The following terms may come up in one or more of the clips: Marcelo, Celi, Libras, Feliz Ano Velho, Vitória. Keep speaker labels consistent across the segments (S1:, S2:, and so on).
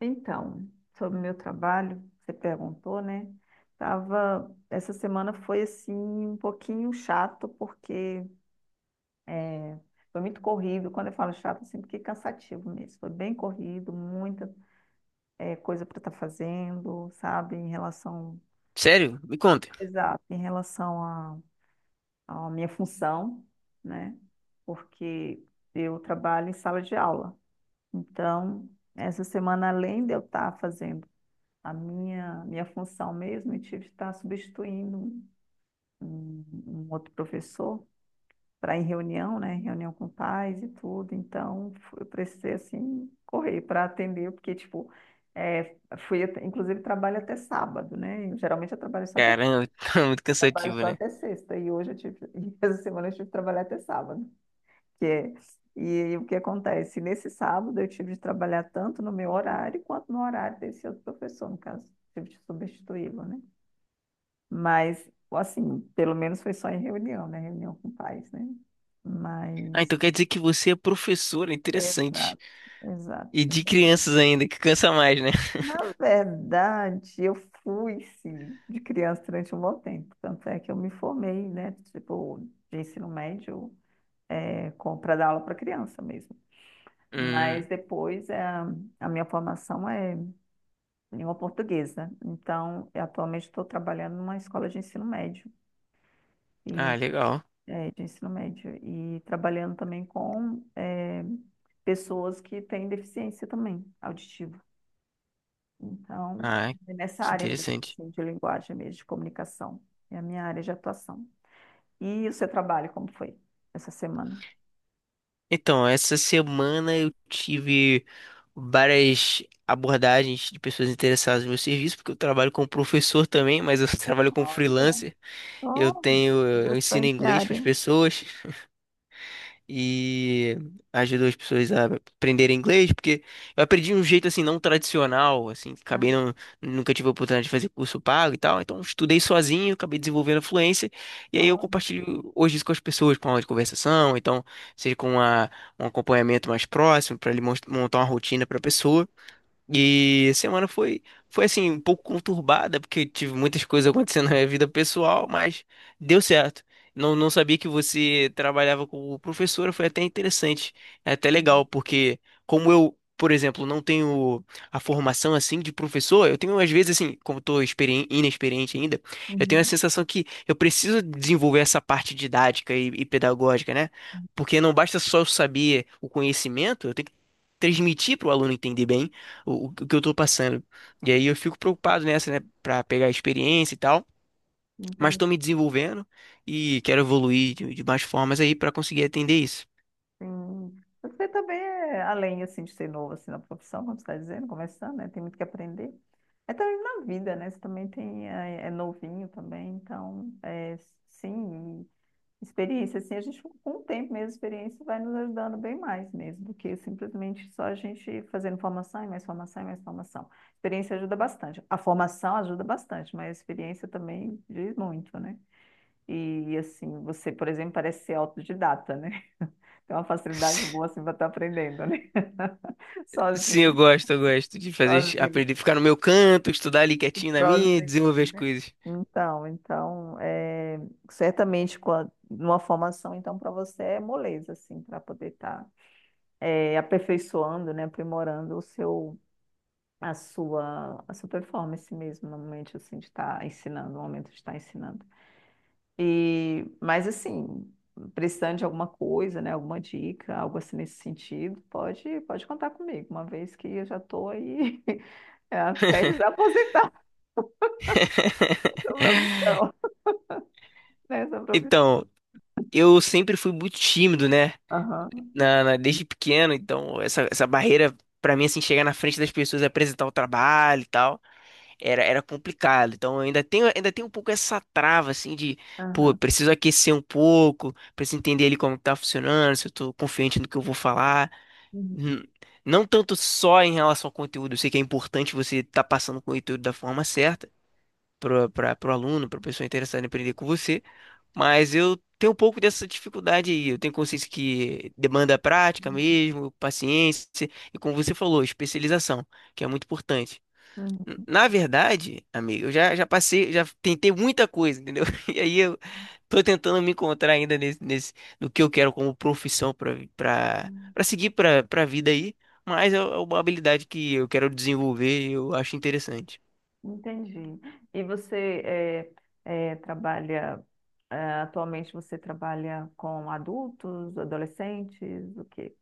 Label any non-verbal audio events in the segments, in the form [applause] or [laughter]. S1: Então, sobre o meu trabalho, você perguntou, né? Tava, essa semana foi assim um pouquinho chato porque é, foi muito corrido. Quando eu falo chato, assim, porque é cansativo mesmo. Foi bem corrido, muita coisa para estar fazendo, sabe? Em relação,
S2: Sério? Me conta.
S1: exato, em relação à minha função, né? Porque eu trabalho em sala de aula. Então, essa semana, além de eu estar fazendo a minha função mesmo, eu tive que estar substituindo um outro professor para ir em reunião, né? Reunião com pais e tudo. Então, eu precisei, assim, correr para atender, porque, tipo, é, fui, inclusive, trabalho até sábado, né? Geralmente eu
S2: Caramba, [laughs] tá muito
S1: trabalho
S2: cansativo,
S1: só
S2: né?
S1: até sexta, e hoje eu tive, [laughs] e essa semana eu tive que trabalhar até sábado, que é, e, o que acontece? Nesse sábado eu tive de trabalhar tanto no meu horário quanto no horário desse outro professor, no caso, tive de substituí-lo, né? Mas, assim, pelo menos foi só em reunião, né? Reunião com pais, né?
S2: Ah,
S1: Mas,
S2: então quer dizer que você é professora, interessante.
S1: exato,
S2: E de
S1: exato.
S2: crianças ainda, que cansa mais, né? [laughs]
S1: Na verdade, eu fui, sim, de criança durante um bom tempo. Tanto é que eu me formei, né? Tipo, de ensino médio, é, para dar aula para criança mesmo.
S2: Hum,
S1: Mas depois é, a minha formação é língua portuguesa. Então, eu atualmente estou trabalhando numa escola de ensino médio.
S2: ah,
S1: E
S2: legal.
S1: médio, ensino médio, e trabalhando também com pessoas que têm deficiência também auditiva. Então,
S2: Ah,
S1: é nessa
S2: que
S1: área mesmo,
S2: interessante.
S1: assim, de linguagem mesmo, de comunicação, é a minha área de atuação. E o seu trabalho, como foi essa semana?
S2: Então, essa semana eu tive várias abordagens de pessoas interessadas no meu serviço, porque eu trabalho como professor também, mas eu [laughs] trabalho como
S1: Olha,
S2: freelancer. Eu
S1: só
S2: tenho, eu ensino
S1: bastante
S2: inglês para as
S1: área.
S2: pessoas. E ajudou as pessoas a aprenderem inglês, porque eu aprendi de um jeito assim não tradicional, assim,
S1: Ah,
S2: acabei não, nunca tive a oportunidade de fazer curso pago e tal, então estudei sozinho, acabei desenvolvendo a fluência, e aí eu
S1: olha.
S2: compartilho hoje isso com as pessoas, com aula de conversação, então seja com a- um acompanhamento mais próximo, para montar uma rotina para a pessoa. E a semana foi, foi assim, um pouco conturbada, porque tive muitas coisas acontecendo [laughs] na minha vida pessoal, mas deu certo. Não, não sabia que você trabalhava como professora, foi até interessante, é até
S1: Uhum.
S2: legal, porque como eu, por exemplo, não tenho a formação assim de professor, eu tenho às vezes assim, como estou inexperiente ainda, eu tenho a
S1: Uhum.
S2: sensação que eu preciso desenvolver essa parte didática e pedagógica, né? Porque não basta só eu saber o conhecimento, eu tenho que transmitir para o aluno entender bem o que eu tô passando. E aí eu fico preocupado nessa, né, pra pegar experiência e tal, mas
S1: Entendi.
S2: tô me desenvolvendo e quero evoluir de mais formas aí pra conseguir atender isso.
S1: Sim. Você também é além assim de ser novo assim na profissão, como você está dizendo, começando, né? Tem muito que aprender. É também na vida, né? Você também tem é novinho também, então é, sim, e experiência assim, a gente com o tempo mesmo, a experiência vai nos ajudando bem mais mesmo do que simplesmente só a gente fazendo formação e mais formação e mais formação. Experiência ajuda bastante. A formação ajuda bastante, mas a experiência também diz muito, né? E assim, você, por exemplo, parece ser autodidata, né? É uma facilidade boa
S2: [laughs]
S1: assim para estar aprendendo, né? [laughs]
S2: Sim,
S1: Sozinho,
S2: eu gosto de fazer,
S1: sozinho,
S2: aprender, ficar no meu canto, estudar ali quietinho na minha, e
S1: sozinho,
S2: desenvolver as
S1: né?
S2: coisas.
S1: Então, então, é, certamente com a- numa formação, então, para você é moleza, assim, para poder estar aperfeiçoando, né? Aprimorando o seu, a sua performance mesmo, no momento, assim, de estar ensinando, no momento de estar ensinando. E, mas assim, precisando de alguma coisa, né, alguma dica, algo assim nesse sentido, pode contar comigo, uma vez que eu já estou aí [laughs] é, prestes a aposentar [laughs] essa profissão, né, essa profissão.
S2: Então, eu sempre fui muito tímido, né?
S1: Aham,
S2: Desde pequeno, então essa barreira pra mim assim chegar na frente das pessoas, e apresentar o trabalho e tal. Era complicado. Então eu ainda tenho um pouco essa trava assim de, pô,
S1: aham.
S2: eu preciso aquecer um pouco, preciso entender ali como que tá funcionando, se eu tô confiante no que eu vou falar.
S1: Uhum,
S2: Hum, Não tanto só em relação ao conteúdo, eu sei que é importante você estar passando o conteúdo da forma certa para para o aluno, para a pessoa interessada em aprender com você, mas eu tenho um pouco dessa dificuldade aí. Eu tenho consciência que demanda prática mesmo, paciência e como você falou, especialização, que é muito importante. Na verdade, amigo, eu já passei, já tentei muita coisa, entendeu? [laughs] E aí eu tô tentando me encontrar ainda nesse no que eu quero como profissão pra para
S1: uhum.
S2: para seguir pra para vida aí, mas é uma habilidade que eu quero desenvolver e eu acho interessante.
S1: Entendi. E você trabalha, é, atualmente você trabalha com adultos, adolescentes, o quê?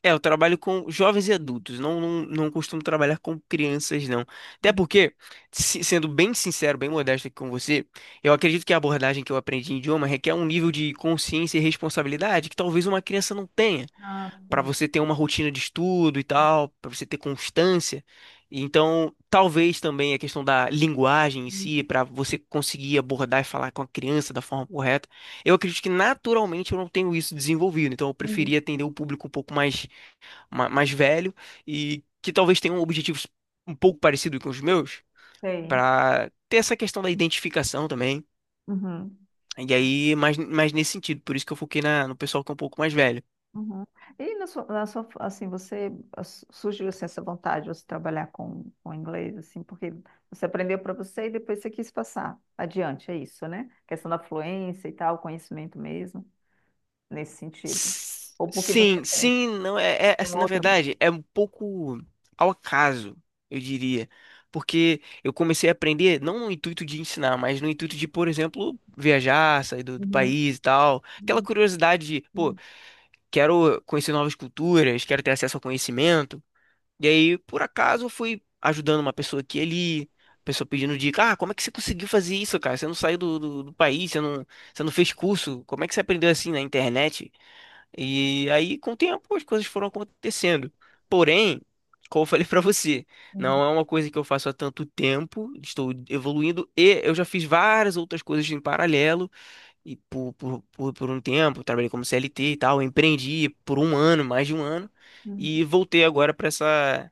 S2: É, eu trabalho com jovens e adultos, não costumo trabalhar com crianças, não. Até
S1: Uhum.
S2: porque, sendo bem sincero, bem modesto aqui com você, eu acredito que a abordagem que eu aprendi em idioma requer um nível de consciência e responsabilidade que talvez uma criança não tenha.
S1: Ah,
S2: Para
S1: sim.
S2: você ter uma rotina de estudo e tal, para você ter constância. Então, talvez também a questão da linguagem em si, para você conseguir abordar e falar com a criança da forma correta. Eu acredito que naturalmente eu não tenho isso desenvolvido, então eu
S1: Uhum.
S2: preferia atender o público um pouco mais, mais velho e que talvez tenha objetivos um pouco parecidos com os meus,
S1: Sei.
S2: para ter essa questão da identificação também.
S1: Uhum.
S2: E aí, mais nesse sentido, por isso que eu foquei no pessoal que é um pouco mais velho.
S1: Uhum. E na sua- assim, você as- surgiu assim, essa vontade de você trabalhar com inglês, assim, porque você aprendeu para você e depois você quis passar adiante, é isso, né? Questão da fluência e tal, conhecimento mesmo, nesse sentido.
S2: S-
S1: Ou porque você
S2: Sim,
S1: tem,
S2: sim, não
S1: tem
S2: assim,
S1: uma
S2: na
S1: outra.
S2: verdade, é um pouco ao acaso, eu diria. Porque eu comecei a aprender não no intuito de ensinar, mas no intuito de, por exemplo, viajar, sair do
S1: Uhum.
S2: país e tal. Aquela
S1: Uhum.
S2: curiosidade de, pô,
S1: Uhum.
S2: quero conhecer novas culturas, quero ter acesso ao conhecimento. E aí, por acaso, eu fui ajudando uma pessoa aqui e ali, pessoa pedindo dica, ah, como é que você conseguiu fazer isso, cara? Você não saiu do país, você não fez curso, como é que você aprendeu assim na internet? E aí, com o tempo, as coisas foram acontecendo. Porém, como eu falei pra você,
S1: Uhum.
S2: não é uma coisa que eu faço há tanto tempo, estou evoluindo e eu já fiz várias outras coisas em paralelo e por um tempo, trabalhei como CLT e tal, empreendi por um ano, mais de um ano,
S1: Uhum.
S2: e voltei agora pra essa,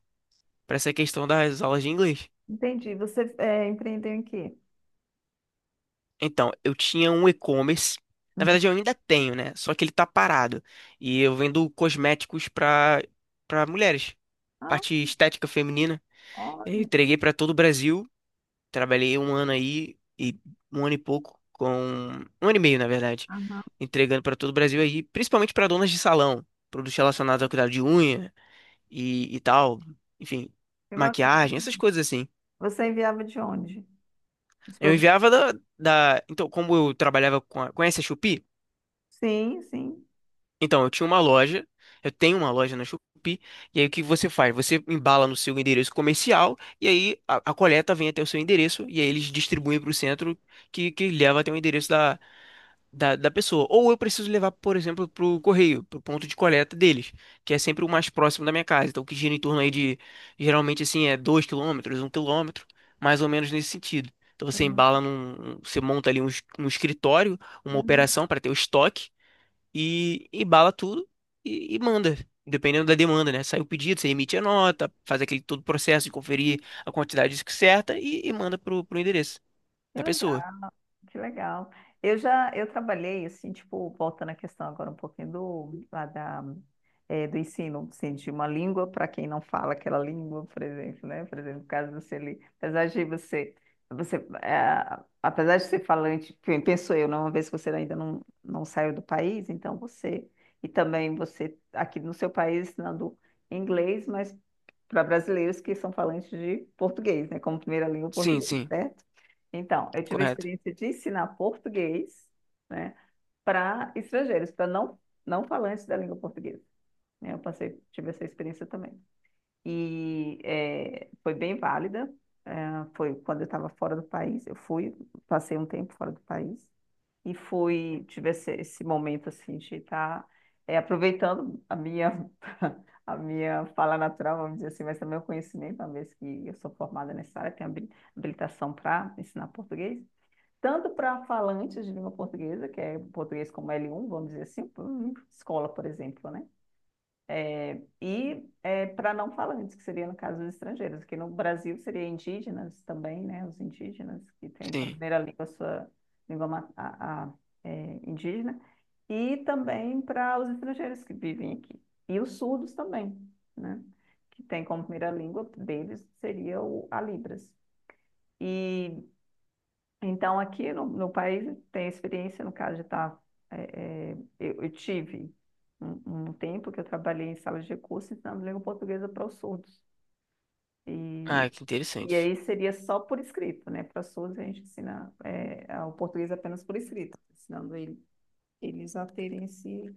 S2: para essa questão das aulas de inglês.
S1: Entendi. Você é, empreendeu em quê?
S2: Então, eu tinha um e-commerce, na
S1: Uhum.
S2: verdade eu ainda tenho, né? Só que ele tá parado. E eu vendo cosméticos pra para mulheres.
S1: Ah,
S2: Parte estética feminina. Eu
S1: olha.
S2: entreguei para todo o Brasil. Trabalhei um ano aí e um ano e pouco com um ano e meio, na verdade,
S1: Aham.
S2: entregando para todo o Brasil aí, principalmente para donas de salão, produtos relacionados ao cuidado de unha e tal, enfim,
S1: Que bacana.
S2: maquiagem, essas coisas assim.
S1: Você enviava de onde? Os
S2: Eu
S1: produtos?
S2: enviava então como eu trabalhava com a, conhece a Shopee?
S1: Sim, sim.
S2: Então, eu tinha uma loja, eu tenho uma loja na Shopee, e aí o que você faz? Você embala no seu endereço comercial, e aí a coleta vem até o seu endereço, e aí eles distribuem para o centro que leva até o endereço da pessoa. Ou eu preciso levar, por exemplo, para o correio, para o ponto de coleta deles, que é sempre o mais próximo da minha casa. Então, que gira em torno aí de, geralmente assim, é 2 quilômetros, um quilômetro, mais ou menos nesse sentido. Então, você
S1: Uhum.
S2: embala você monta ali um, um escritório, uma
S1: Uhum.
S2: operação para ter o estoque e bala tudo e manda. Dependendo da demanda, né? Sai o pedido, você emite a nota, faz aquele todo o processo de conferir a quantidade certa e manda pro endereço
S1: Que
S2: da pessoa.
S1: legal. Que legal. Eu trabalhei, assim, tipo, voltando à questão agora um pouquinho do, lá da, do ensino, assim, de uma língua para quem não fala aquela língua, por exemplo, né? Por exemplo, no caso do Celi, apesar de você, você, apesar de ser falante, pe- penso eu, né? Uma vez que você ainda não, não saiu do país, então você, e também você, aqui no seu país, ensinando inglês, mas para brasileiros que são falantes de português, né? Como primeira língua
S2: Sim,
S1: português,
S2: sim,
S1: certo? Então, eu tive a
S2: correto.
S1: experiência de ensinar português, né, para estrangeiros, para não, não falantes da língua portuguesa. Né? Eu passei, tive essa experiência também. E foi bem válida. eh, Foi quando eu estava fora do país, eu fui, passei um tempo fora do país e fui, tive esse, esse momento assim de estar aproveitando a minha [laughs] a minha fala natural, vamos dizer assim, mas também o conhecimento, uma vez que eu sou formada nessa área, tenho habi- habilitação para ensinar português, tanto para falantes de língua portuguesa, que é português como L1, vamos dizer assim, por- escola, por exemplo, né? E é, para não falantes, que seria no caso dos estrangeiros, que no Brasil seria indígenas também, né? Os indígenas que têm como
S2: Sim.
S1: primeira língua a sua língua ma- é, indígena, e também para os estrangeiros que vivem aqui. E os surdos também, né? Que têm como primeira língua deles seria o, a Libras. E então, aqui no, no país, tem a experiência, no caso de estar. Eu tive um, um tempo que eu trabalhei em sala de recursos ensinando língua portuguesa para os surdos. E,
S2: Ah, que
S1: e
S2: interessante.
S1: aí seria só por escrito, né? Para surdos, a gente ensina o português apenas por escrito, ensinando ele- eles a terem esse,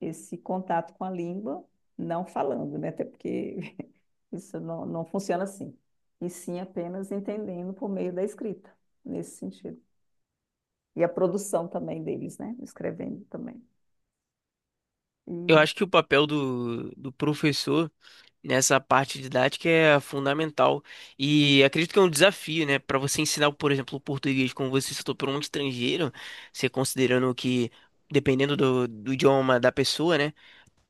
S1: esse contato com a língua, não falando, né? Até porque [laughs] isso não, não funciona assim. E sim apenas entendendo por meio da escrita, nesse sentido. E a produção também deles, né? Escrevendo também. E
S2: Eu acho que o papel do professor nessa parte didática é fundamental. E acredito que é um desafio, né? Para você ensinar, por exemplo, o português, como você citou, para um estrangeiro, você considerando que, dependendo do idioma da pessoa, né?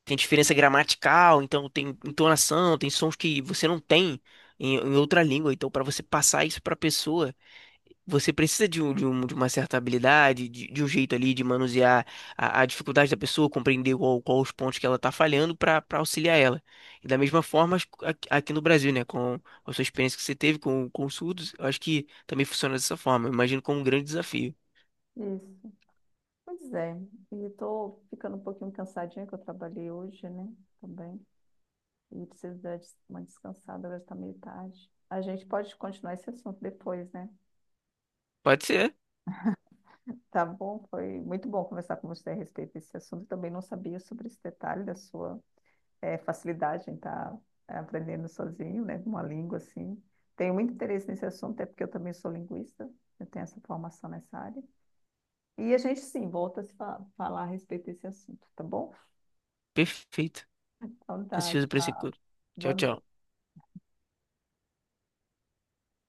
S2: Tem diferença gramatical, então tem entonação, tem sons que você não tem em outra língua. Então, para você passar isso para a pessoa, você precisa de uma certa habilidade, de um jeito ali de manusear a dificuldade da pessoa, compreender qual os pontos que ela está falhando para auxiliar ela. E da mesma forma, aqui no Brasil, né, com a sua experiência que você teve com os surdos, eu acho que também funciona dessa forma. Eu imagino como um grande desafio.
S1: isso. Pois é. E estou ficando um pouquinho cansadinha, que eu trabalhei hoje, né? Também. E preciso dar uma descansada, agora está meio tarde. A gente pode continuar esse assunto depois, né?
S2: Pode ser,
S1: Tá bom? Foi muito bom conversar com você a respeito desse assunto. Eu também não sabia sobre esse detalhe da sua facilidade em estar tá aprendendo sozinho, né? Uma língua assim. Tenho muito interesse nesse assunto, até porque eu também sou linguista, eu tenho essa formação nessa área. E a gente sim volta a se fa- falar a respeito desse assunto, tá bom?
S2: perfeito.
S1: Então tá,
S2: Ansioso para esse
S1: tchau.
S2: encontro.
S1: Boa
S2: Tchau, tchau.
S1: noite.